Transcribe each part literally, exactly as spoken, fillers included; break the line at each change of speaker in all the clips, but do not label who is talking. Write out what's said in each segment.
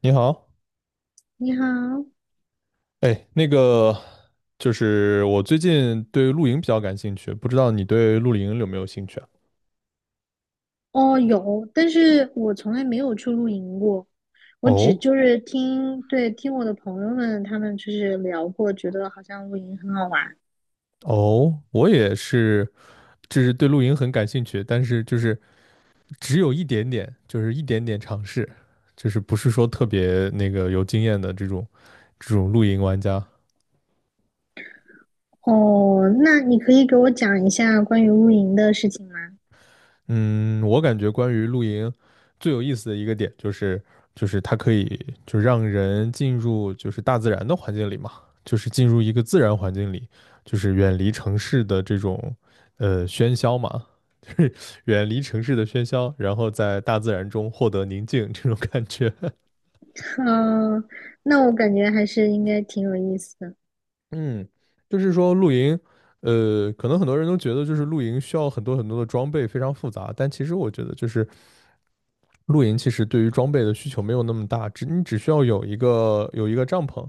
你好。
你好。
哎，那个就是我最近对露营比较感兴趣，不知道你对露营有没有兴趣啊？
哦，有，但是我从来没有去露营过，我只
哦，
就是听，对，听我的朋友们他们就是聊过，觉得好像露营很好玩。
哦，我也是，就是对露营很感兴趣，但是就是只有一点点，就是一点点尝试，就是不是说特别那个有经验的这种这种露营玩家。
哦，那你可以给我讲一下关于露营的事情吗？
嗯，我感觉关于露营最有意思的一个点就是，就是它可以就让人进入就是大自然的环境里嘛，就是进入一个自然环境里，就是远离城市的这种呃喧嚣嘛，就是远离城市的喧嚣，然后在大自然中获得宁静这种感觉。
嗯、那我感觉还是应该挺有意思的。
嗯，就是说露营，呃，可能很多人都觉得就是露营需要很多很多的装备，非常复杂，但其实我觉得就是露营其实对于装备的需求没有那么大，只你只需要有一个有一个帐篷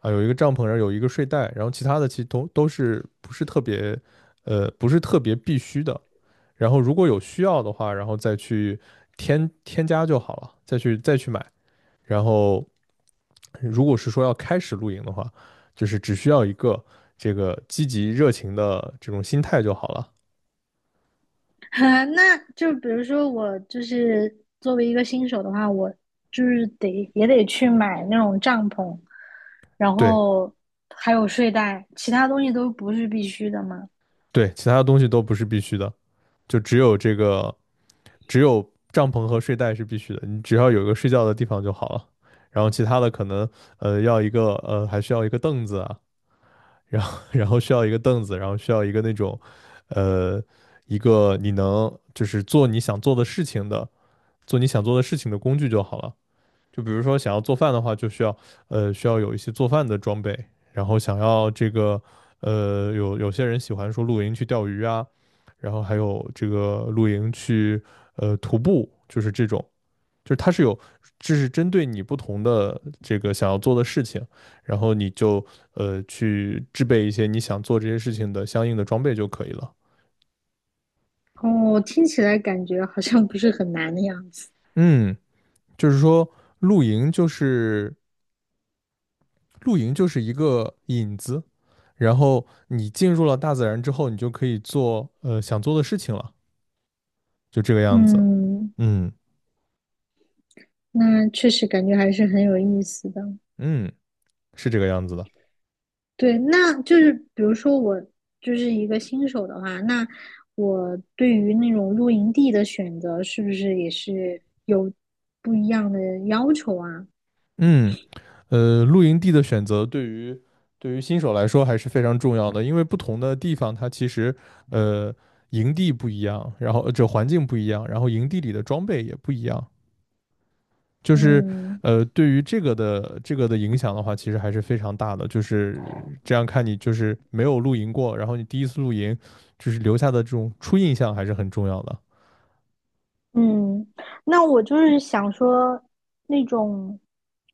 啊，有一个帐篷，然后有一个睡袋，然后其他的其实都都是不是特别，呃，不是特别必须的。然后如果有需要的话，然后再去添添加就好了，再去再去买。然后如果是说要开始露营的话，就是只需要一个这个积极热情的这种心态就好了。
那就比如说我就是作为一个新手的话，我就是得也得去买那种帐篷，然
对，
后还有睡袋，其他东西都不是必须的嘛。
对，其他的东西都不是必须的，就只有这个，只有帐篷和睡袋是必须的，你只要有一个睡觉的地方就好了。然后其他的可能，呃要一个呃还需要一个凳子啊，然后然后需要一个凳子，然后需要一个那种，呃一个你能就是做你想做的事情的做你想做的事情的工具就好了。就比如说想要做饭的话，就需要，呃需要有一些做饭的装备，然后想要这个，呃有有些人喜欢说露营去钓鱼啊，然后还有这个露营去呃徒步，就是这种，就是它是有这是针对你不同的这个想要做的事情，然后你就呃去制备一些你想做这些事情的相应的装备就可以了。
哦，听起来感觉好像不是很难的样子。
嗯，就是说露营就是，露营就是一个引子，然后你进入了大自然之后，你就可以做呃想做的事情了，就这个样子。
嗯，
嗯，
那确实感觉还是很有意思的。
嗯，是这个样子的。
对，那就是比如说我就是一个新手的话，那我对于那种露营地的选择，是不是也是有不一样的要求啊？
嗯，呃，露营地的选择对于，对于新手来说还是非常重要的，因为不同的地方它其实，呃营地不一样，然后呃这环境不一样，然后营地里的装备也不一样，就是，
嗯
呃，对于这个的这个的影响的话，其实还是非常大的。就是这样看你就是没有露营过，然后你第一次露营，就是留下的这种初印象还是很重要的。
嗯，那我就是想说，那种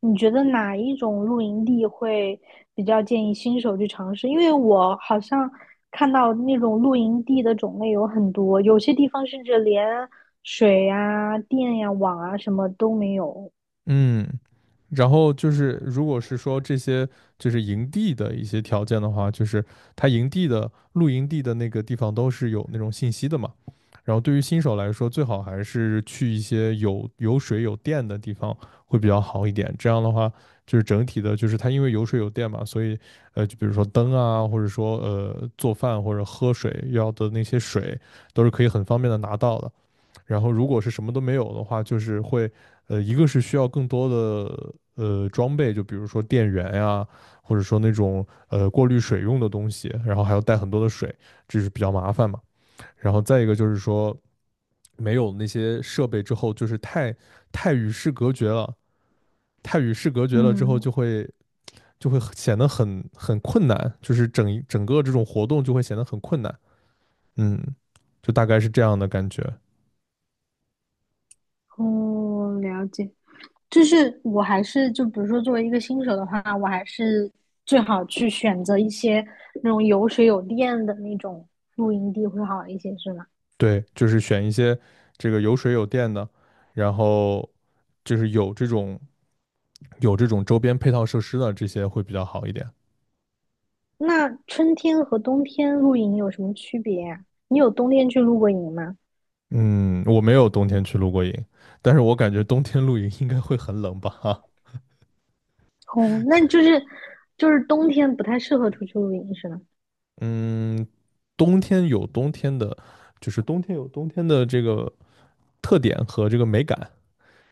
你觉得哪一种露营地会比较建议新手去尝试？因为我好像看到那种露营地的种类有很多，有些地方甚至连水呀、电呀、网啊什么都没有。
嗯，然后就是，如果是说这些就是营地的一些条件的话，就是它营地的露营地的那个地方都是有那种信息的嘛。然后对于新手来说，最好还是去一些有有水有电的地方会比较好一点。这样的话，就是整体的，就是它因为有水有电嘛，所以，呃，就比如说灯啊，或者说呃做饭或者喝水要的那些水，都是可以很方便的拿到的。然后如果是什么都没有的话，就是会，呃，一个是需要更多的呃装备，就比如说电源呀，或者说那种呃过滤水用的东西，然后还要带很多的水，这是比较麻烦嘛。然后再一个就是说，没有那些设备之后，就是太太与世隔绝了，太与世隔绝了之后
嗯。
就会，就会显得很很困难，就是整整个这种活动就会显得很困难。嗯，就大概是这样的感觉。
哦，了解。就是我还是就比如说作为一个新手的话，我还是最好去选择一些那种有水有电的那种露营地会好一些，是吗？
对，就是选一些这个有水有电的，然后就是有这种，有这种周边配套设施的这些会比较好一点。
那春天和冬天露营有什么区别呀？你有冬天去露过营吗？
嗯，我没有冬天去露过营，但是我感觉冬天露营应该会很冷吧？哈，
哦，那就是就是冬天不太适合出去露营，是吗？
嗯，冬天有冬天的，就是冬天有冬天的这个特点和这个美感，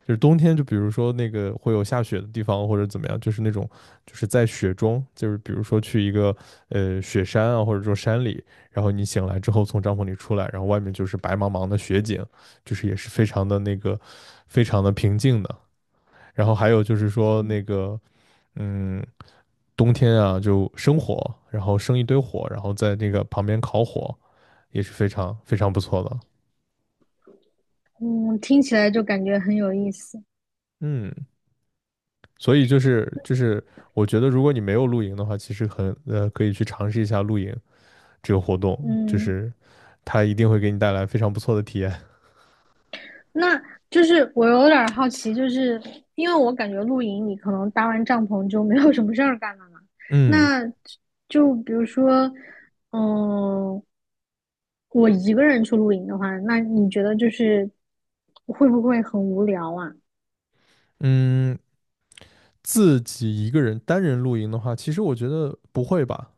就是冬天，就比如说那个会有下雪的地方或者怎么样，就是那种，就是在雪中，就是比如说去一个呃雪山啊，或者说山里，然后你醒来之后从帐篷里出来，然后外面就是白茫茫的雪景，就是也是非常的那个，非常的平静的。然后还有就是说那个，嗯，冬天啊，就生火，然后生一堆火，然后在那个旁边烤火，也是非常非常不错的。
嗯，听起来就感觉很有意思。
嗯，所以就是就是，我觉得如果你没有露营的话，其实很呃可以去尝试一下露营这个活动，就
嗯。
是它一定会给你带来非常不错的体验。
那就是我有点好奇，就是因为我感觉露营你可能搭完帐篷就没有什么事儿干了嘛。
嗯，
那就比如说，嗯，我一个人去露营的话，那你觉得就是会不会很无聊啊？
嗯，自己一个人单人露营的话，其实我觉得不会吧，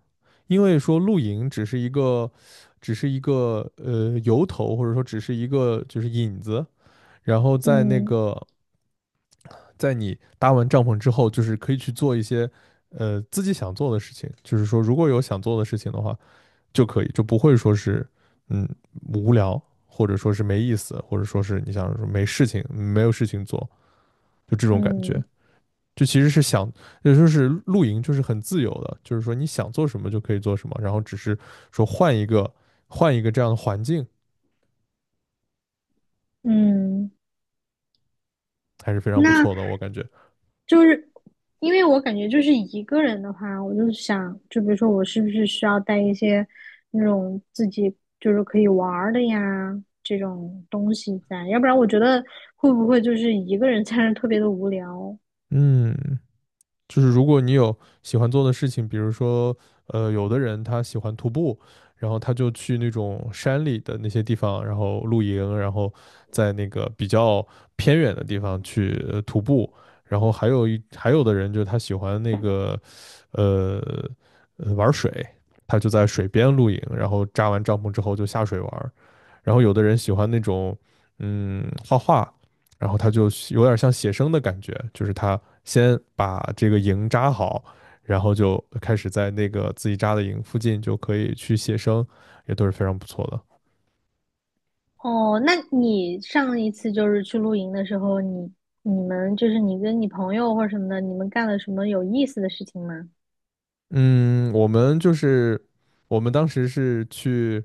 因为说露营只是一个，只是一个呃由头，或者说只是一个就是引子，然后在那
嗯
个在你搭完帐篷之后，就是可以去做一些，呃，自己想做的事情，就是说，如果有想做的事情的话，就可以，就不会说是，嗯，无聊，或者说是没意思，或者说是你想说没事情没有事情做，就这种感觉。
嗯
就其实是想，也就是露营就是很自由的，就是说你想做什么就可以做什么，然后只是说换一个，换一个这样的环境
嗯。
还是非常
那
不错的，我感觉。
就是因为我感觉就是一个人的话，我就想，就比如说我是不是需要带一些那种自己就是可以玩儿的呀这种东西在，要不然我觉得会不会就是一个人 在那儿特别的无聊。
嗯，就是如果你有喜欢做的事情，比如说，呃，有的人他喜欢徒步，然后他就去那种山里的那些地方，然后露营，然后在那个比较偏远的地方去呃徒步。然后还有一还有的人就是他喜欢那个，呃，呃玩水，他就在水边露营，然后扎完帐篷之后就下水玩儿。然后有的人喜欢那种，嗯，画画，然后他就有点像写生的感觉，就是他先把这个营扎好，然后就开始在那个自己扎的营附近就可以去写生，也都是非常不错的。
哦，那你上一次就是去露营的时候，你你们就是你跟你朋友或者什么的，你们干了什么有意思的事情吗？
嗯，我们就是，我们当时是去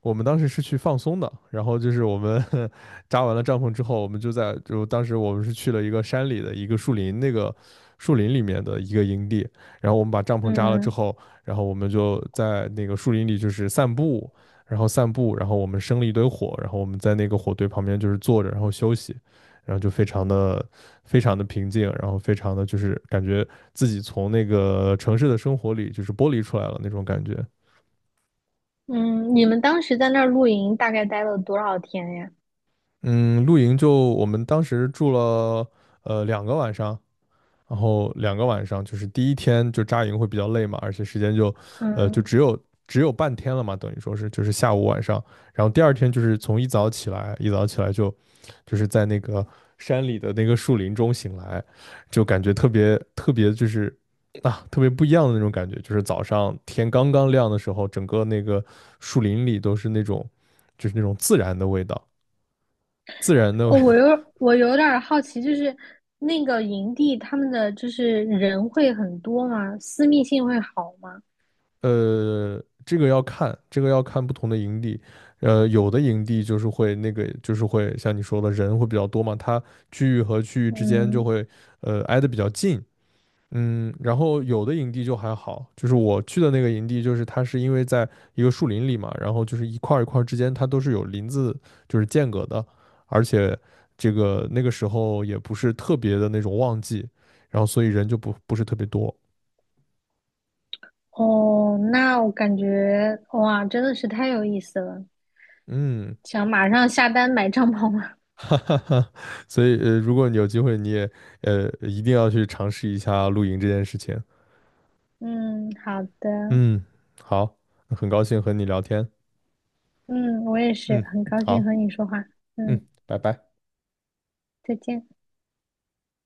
我们当时是去放松的，然后就是我们 扎完了帐篷之后，我们就在，就当时我们是去了一个山里的一个树林，那个树林里面的一个营地，然后我们把帐篷扎了之
嗯。
后，然后我们就在那个树林里就是散步，然后散步，然后我们生了一堆火，然后我们在那个火堆旁边就是坐着，然后休息，然后就非常的，非常的平静，然后非常的就是感觉自己从那个城市的生活里就是剥离出来了那种感觉。
嗯，你们当时在那儿露营大概待了多少天呀？
嗯，露营就我们当时住了呃两个晚上，然后两个晚上就是第一天就扎营会比较累嘛，而且时间就呃就
嗯。
只有只有半天了嘛，等于说是就是下午晚上，然后第二天就是从一早起来，一早起来就，就是在那个山里的那个树林中醒来，就感觉特别特别就是啊特别不一样的那种感觉，就是早上天刚刚亮的时候，整个那个树林里都是那种，就是那种自然的味道。自然的
哦，我 有我有点儿好奇，就是那个营地他们的就是人会很多吗？私密性会好吗？
呃，这个要看，这个要看不同的营地。呃，有的营地就是会那个，就是会像你说的人会比较多嘛，它区域和区域之间就
嗯。
会呃挨得比较近。嗯，然后有的营地就还好，就是我去的那个营地，就是它是因为在一个树林里嘛，然后就是一块儿一块儿之间它都是有林子就是间隔的，而且这个那个时候也不是特别的那种旺季，然后所以人就不不是特别多。
哦，那我感觉哇，真的是太有意思了，
嗯，
想马上下单买帐篷了。
哈哈哈，所以呃，如果你有机会，你也呃一定要去尝试一下露营这件事情。
嗯，好的。
嗯，好，很高兴和你聊天。
嗯，我也是
嗯，
很高兴
好，
和你说话。
嗯，
嗯，
拜拜。
再见。